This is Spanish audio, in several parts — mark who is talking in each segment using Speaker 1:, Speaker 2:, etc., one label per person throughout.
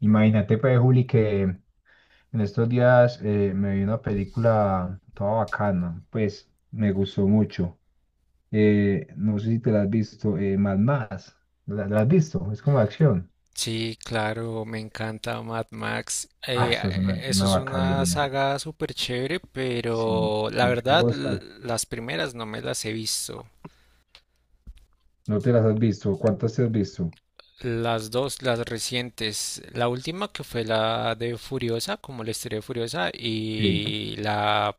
Speaker 1: Imagínate, pues, Juli, que en estos días me vi una película toda bacana, pues me gustó mucho. No sé si te la has visto, Mad Max. ¿La has visto? Es como de acción.
Speaker 2: Sí, claro, me encanta Mad Max.
Speaker 1: Ah,
Speaker 2: Eh,
Speaker 1: eso es
Speaker 2: eh,
Speaker 1: una,
Speaker 2: eso
Speaker 1: una
Speaker 2: es una
Speaker 1: bacanería.
Speaker 2: saga súper chévere,
Speaker 1: Sí,
Speaker 2: pero la verdad,
Speaker 1: curiosa.
Speaker 2: las primeras no me las he visto.
Speaker 1: ¿No te las has visto? ¿Cuántas te has visto?
Speaker 2: Las dos, las recientes. La última que fue la de Furiosa, como la historia de Furiosa,
Speaker 1: Sí,
Speaker 2: y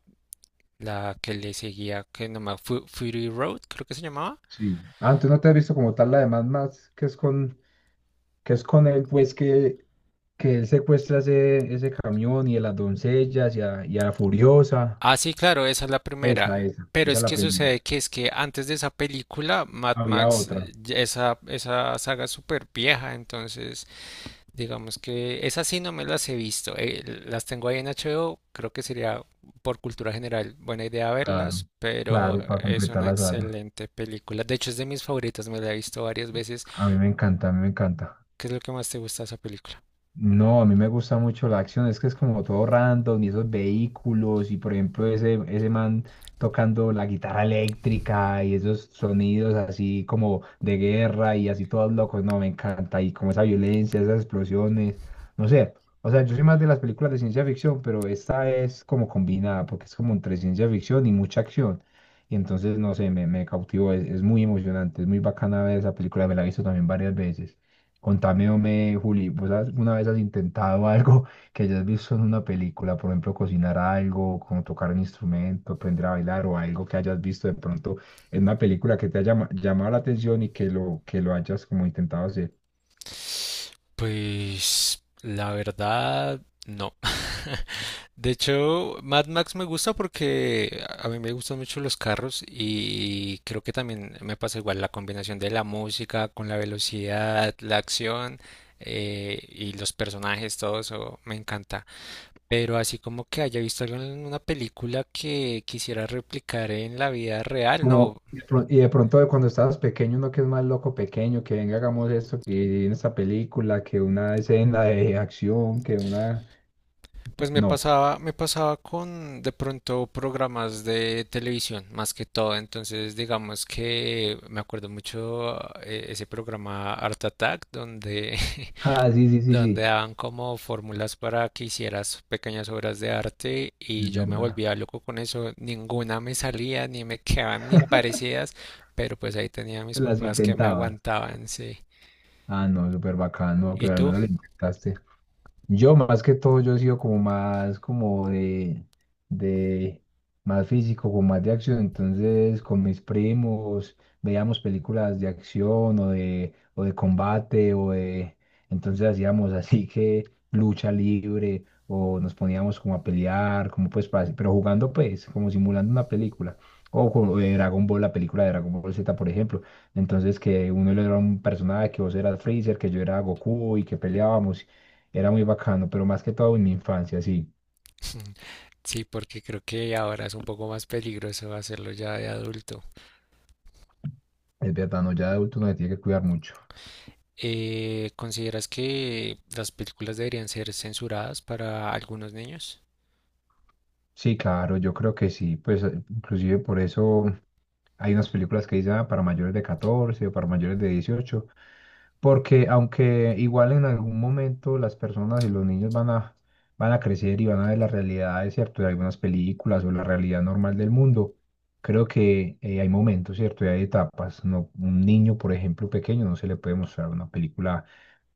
Speaker 2: la que le seguía, que no me... Fury Road, creo que se llamaba.
Speaker 1: sí. Antes no te has visto como tal la de Mad Max, que es con él, pues que él secuestra ese camión y a las doncellas y a la Furiosa.
Speaker 2: Ah, sí, claro, esa es la
Speaker 1: Esa,
Speaker 2: primera.
Speaker 1: esa,
Speaker 2: Pero
Speaker 1: esa es
Speaker 2: es
Speaker 1: la
Speaker 2: que sucede
Speaker 1: primera.
Speaker 2: que es que antes de esa película, Mad
Speaker 1: Había
Speaker 2: Max,
Speaker 1: otra,
Speaker 2: ya esa saga es súper vieja, entonces digamos que esas sí no me las he visto. Las tengo ahí en HBO, creo que sería por cultura general buena idea
Speaker 1: claro,
Speaker 2: verlas, pero
Speaker 1: claro, para
Speaker 2: es
Speaker 1: completar
Speaker 2: una
Speaker 1: la saga.
Speaker 2: excelente película. De hecho, es de mis favoritas, me la he visto varias veces.
Speaker 1: A mí me encanta, a mí me encanta.
Speaker 2: ¿Qué es lo que más te gusta de esa película?
Speaker 1: No, a mí me gusta mucho la acción, es que es como todo random y esos vehículos y por ejemplo ese man tocando la guitarra eléctrica y esos sonidos así como de guerra y así todos locos, no, me encanta y como esa violencia, esas explosiones, no sé, o sea, yo soy más de las películas de ciencia ficción, pero esta es como combinada porque es como entre ciencia ficción y mucha acción y entonces no sé, me cautivó, es muy emocionante, es muy bacana ver esa película, me la he visto también varias veces. Contame, hombre, Juli, alguna vez has intentado algo que hayas visto en una película? Por ejemplo, cocinar algo, como tocar un instrumento, aprender a bailar o algo que hayas visto de pronto en una película que te haya llamado la atención y que lo hayas como intentado hacer.
Speaker 2: Pues la verdad, no. De hecho, Mad Max me gusta porque a mí me gustan mucho los carros y creo que también me pasa igual la combinación de la música con la velocidad, la acción y los personajes, todo eso me encanta. Pero así como que haya visto algo en una película que quisiera replicar en la vida real,
Speaker 1: Como,
Speaker 2: no.
Speaker 1: y de pronto de cuando estabas pequeño, uno que es más loco pequeño, que venga, hagamos esto, que en esta película, que una escena de acción, que una...
Speaker 2: Pues
Speaker 1: No.
Speaker 2: me pasaba con de pronto programas de televisión, más que todo. Entonces, digamos que me acuerdo mucho ese programa Art Attack, donde,
Speaker 1: Ah, sí, sí, sí,
Speaker 2: donde
Speaker 1: sí,
Speaker 2: daban como fórmulas para que hicieras pequeñas obras de arte y
Speaker 1: es
Speaker 2: yo me
Speaker 1: verdad.
Speaker 2: volvía loco con eso. Ninguna me salía, ni me quedaban ni parecidas, pero pues ahí tenía a mis
Speaker 1: Las
Speaker 2: papás que me
Speaker 1: intentaba.
Speaker 2: aguantaban, sí.
Speaker 1: Ah, no, súper bacano,
Speaker 2: ¿Y
Speaker 1: pero al
Speaker 2: tú?
Speaker 1: menos le intentaste. Yo más que todo, yo he sido como más como de más físico, como más de acción. Entonces, con mis primos veíamos películas de acción o de combate o de... Entonces hacíamos así que lucha libre o nos poníamos como a pelear, como pues, pero jugando pues, como simulando una película. O como de Dragon Ball, la película de Dragon Ball Z, por ejemplo. Entonces, que uno era un personaje, que vos eras Freezer, que yo era Goku y que peleábamos era muy bacano, pero más que todo en mi infancia, sí.
Speaker 2: Sí, porque creo que ahora es un poco más peligroso hacerlo ya de adulto.
Speaker 1: Es verdad, no, ya de adulto uno se tiene que cuidar mucho.
Speaker 2: ¿consideras que las películas deberían ser censuradas para algunos niños?
Speaker 1: Sí, claro, yo creo que sí, pues inclusive por eso hay unas películas que dicen: "Ah, para mayores de 14 o para mayores de 18", porque aunque igual en algún momento las personas y los niños van a crecer y van a ver las realidades, cierto, de algunas películas o la realidad normal del mundo, creo que hay momentos, cierto, y hay etapas, no, un niño, por ejemplo, pequeño, no se le puede mostrar una película,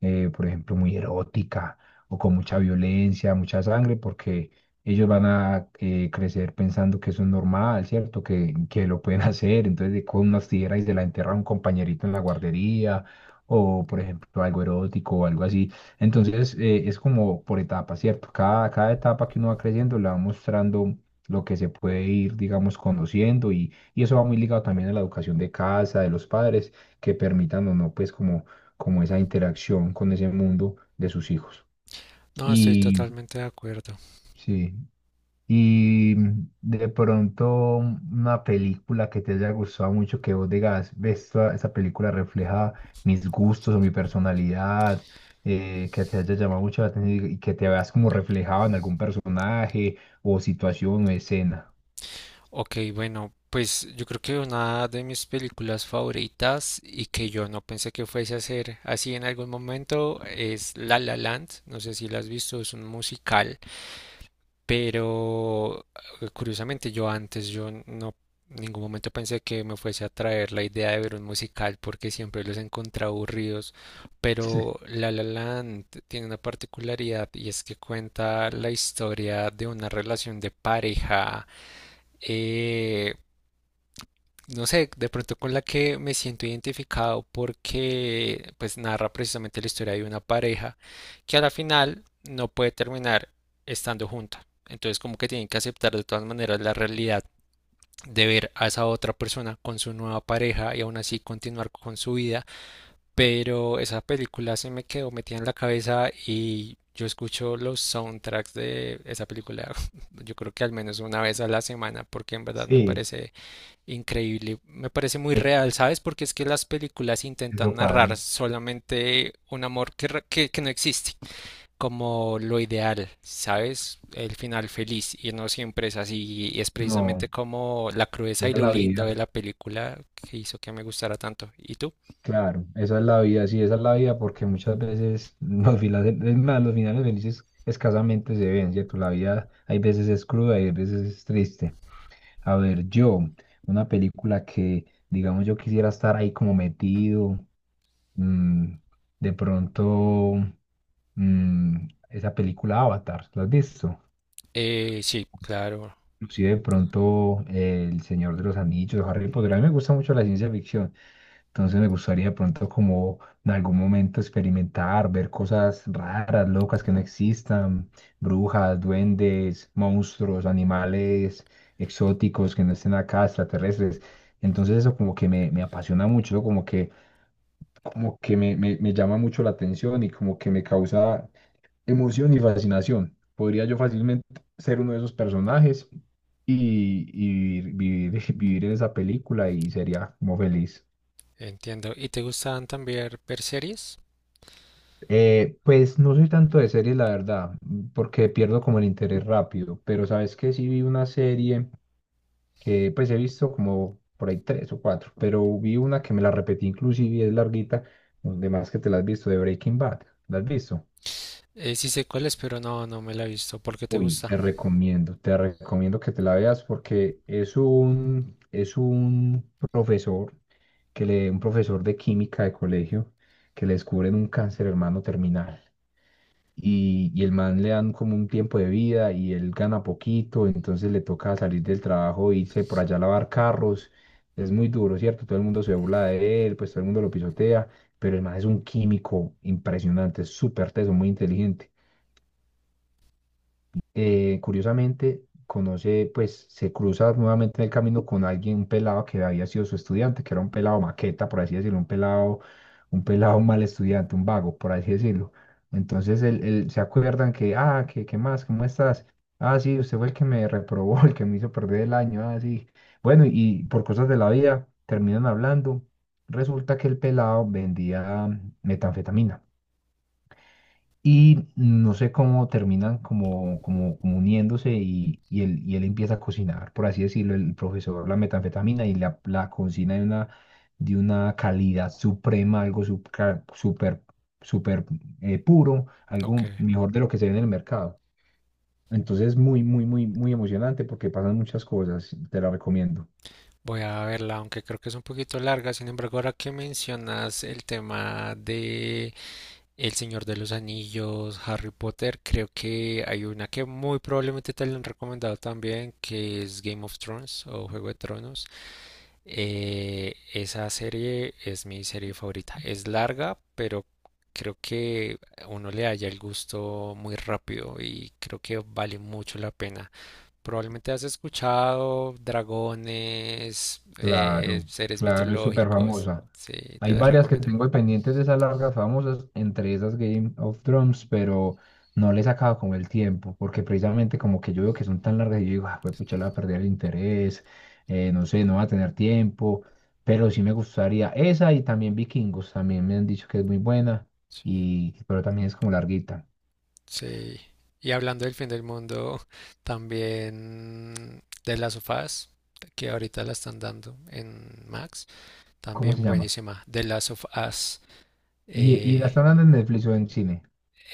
Speaker 1: por ejemplo, muy erótica o con mucha violencia, mucha sangre, porque ellos van a crecer pensando que eso es normal, ¿cierto? Que lo pueden hacer. Entonces, de con unas tijeras y se la enterra a un compañerito en la guardería, o por ejemplo, algo erótico o algo así. Entonces, es como por etapas, ¿cierto? Cada etapa que uno va creciendo le va mostrando lo que se puede ir, digamos, conociendo y eso va muy ligado también a la educación de casa, de los padres, que permitan o no, pues, como, como esa interacción con ese mundo de sus hijos.
Speaker 2: No, estoy
Speaker 1: Y
Speaker 2: totalmente de acuerdo.
Speaker 1: sí. Y de pronto una película que te haya gustado mucho, que vos digas, ves, esta película refleja mis gustos o mi personalidad, que te haya llamado mucho la atención y que te veas como reflejado en algún personaje o situación o escena.
Speaker 2: Ok, bueno, pues yo creo que una de mis películas favoritas y que yo no pensé que fuese a ser así en algún momento es La La Land. No sé si la has visto, es un musical. Pero curiosamente yo antes, yo no en ningún momento pensé que me fuese a traer la idea de ver un musical porque siempre los he encontrado aburridos, pero La La Land tiene una particularidad y es que cuenta la historia de una relación de pareja eh, no sé, de pronto con la que me siento identificado porque pues narra precisamente la historia de una pareja que a la final no puede terminar estando junta. Entonces como que tienen que aceptar de todas maneras la realidad de ver a esa otra persona con su nueva pareja y aún así continuar con su vida. Pero esa película se me quedó metida en la cabeza y yo escucho los soundtracks de esa película yo creo que al menos una vez a la semana porque en verdad
Speaker 1: Sí,
Speaker 2: me
Speaker 1: sí,
Speaker 2: parece increíble. Me parece muy
Speaker 1: e-
Speaker 2: real, ¿sabes? Porque es que las películas intentan
Speaker 1: eso pasa.
Speaker 2: narrar solamente un amor que, que no existe, como lo ideal, ¿sabes? El final feliz, y no siempre es así, y es precisamente
Speaker 1: No,
Speaker 2: como la crudeza y
Speaker 1: esa es
Speaker 2: lo
Speaker 1: la
Speaker 2: lindo de
Speaker 1: vida.
Speaker 2: la película que hizo que me gustara tanto. ¿Y tú?
Speaker 1: Claro, esa es la vida, sí, esa es la vida, porque muchas veces los finales, es más, los finales felices escasamente se ven, ¿cierto? La vida hay veces es cruda y hay veces es triste. A ver, yo, una película que, digamos, yo quisiera estar ahí como metido, mm, de pronto, mm, esa película Avatar, ¿la has visto?
Speaker 2: Sí, claro,
Speaker 1: Inclusive de pronto El Señor de los Anillos, Harry Potter, a mí me gusta mucho la ciencia ficción, entonces me gustaría de pronto como en algún momento experimentar, ver cosas raras, locas que no existan, brujas, duendes, monstruos, animales exóticos que no estén acá, extraterrestres. Entonces eso como que me, apasiona mucho, ¿no? Como que me llama mucho la atención y como que me causa emoción y fascinación. Podría yo fácilmente ser uno de esos personajes y vivir, vivir en esa película y sería como feliz.
Speaker 2: entiendo. ¿Y te gustan también ver series?
Speaker 1: Pues no soy tanto de series, la verdad, porque pierdo como el interés rápido, pero sabes que sí vi una serie que pues he visto como por ahí tres o cuatro, pero vi una que me la repetí inclusive y es larguita, donde más que te la has visto de Breaking Bad, ¿la has visto?
Speaker 2: Sí sé cuáles, pero no, no me la he visto. ¿Por qué te
Speaker 1: Uy,
Speaker 2: gusta?
Speaker 1: te recomiendo, te recomiendo que te la veas porque es un profesor, que le, un profesor de química de colegio que le descubren un cáncer hermano terminal, y el man le dan como un tiempo de vida y él gana poquito, entonces le toca salir del trabajo e irse por allá a lavar carros. Es muy duro, ¿cierto? Todo el mundo se burla de él, pues todo el mundo lo pisotea, pero el man es un químico impresionante, es súper teso, muy inteligente, curiosamente, conoce, pues se cruza nuevamente en el camino con alguien, un pelado que había sido su estudiante, que era un pelado maqueta, por así decirlo, un pelado mal estudiante, un vago, por así decirlo. Entonces él, se acuerdan que, ah, ¿qué más? ¿Cómo estás? Ah, sí, usted fue el que me reprobó, el que me hizo perder el año, ah, sí. Bueno, y por cosas de la vida terminan hablando. Resulta que el pelado vendía metanfetamina. Y no sé cómo terminan como, como uniéndose y él empieza a cocinar, por así decirlo, el profesor, la metanfetamina y la cocina de una calidad suprema, algo súper, súper, súper puro,
Speaker 2: Ok.
Speaker 1: algo mejor de lo que se ve en el mercado. Entonces, muy, muy, muy, muy emocionante porque pasan muchas cosas, te la recomiendo.
Speaker 2: Voy a verla, aunque creo que es un poquito larga. Sin embargo, ahora que mencionas el tema de El Señor de los Anillos, Harry Potter, creo que hay una que muy probablemente te la han recomendado también, que es Game of Thrones o Juego de Tronos. Esa serie es mi serie favorita. Es larga, pero creo que uno le halla el gusto muy rápido y creo que vale mucho la pena. Probablemente has escuchado dragones,
Speaker 1: Claro,
Speaker 2: seres
Speaker 1: claro, es súper
Speaker 2: mitológicos.
Speaker 1: famosa.
Speaker 2: Sí, te
Speaker 1: Hay
Speaker 2: las
Speaker 1: varias que
Speaker 2: recomiendo.
Speaker 1: tengo ahí pendientes de esas largas famosas, entre esas Game of Thrones, pero no les he sacado como el tiempo, porque precisamente como que yo veo que son tan largas y yo digo, ah, pues pucha, le voy a perder el interés, no sé, no va a tener tiempo, pero sí me gustaría esa y también Vikingos, también me han dicho que es muy buena,
Speaker 2: Sí,
Speaker 1: y, pero también es como larguita.
Speaker 2: sí. Y hablando del fin del mundo, también de las sofás, que ahorita la están dando en Max,
Speaker 1: ¿Cómo se
Speaker 2: también
Speaker 1: llama?
Speaker 2: buenísima. De las sofás
Speaker 1: ¿Y la están dando en Netflix o en cine?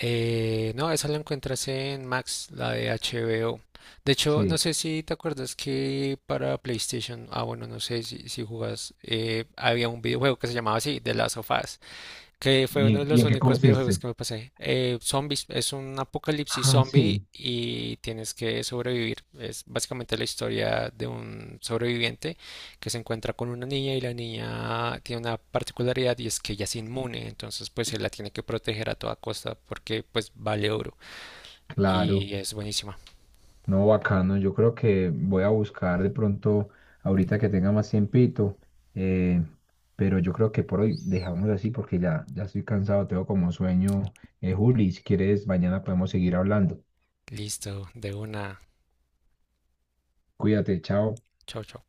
Speaker 2: No, esa la encuentras en Max, la de HBO. De hecho, no
Speaker 1: Sí.
Speaker 2: sé si te acuerdas que para PlayStation, ah, bueno, no sé si, si jugas, había un videojuego que se llamaba así, The Last of Us que fue uno de
Speaker 1: ¿Y
Speaker 2: los
Speaker 1: en qué
Speaker 2: únicos videojuegos
Speaker 1: consiste?
Speaker 2: que me pasé. Zombies, es un apocalipsis
Speaker 1: Ah,
Speaker 2: zombie
Speaker 1: sí.
Speaker 2: y tienes que sobrevivir. Es básicamente la historia de un sobreviviente que se encuentra con una niña y la niña tiene una particularidad y es que ella es inmune, entonces pues él la tiene que proteger a toda costa porque pues vale oro
Speaker 1: Claro.
Speaker 2: y es buenísima.
Speaker 1: No, bacano. Yo creo que voy a buscar de pronto, ahorita que tenga más tiempito, eh, pero yo creo que por hoy dejamos así porque ya, ya estoy cansado, tengo como sueño. Juli, si quieres, mañana podemos seguir hablando.
Speaker 2: Listo, de una.
Speaker 1: Cuídate, chao.
Speaker 2: Chao, chao.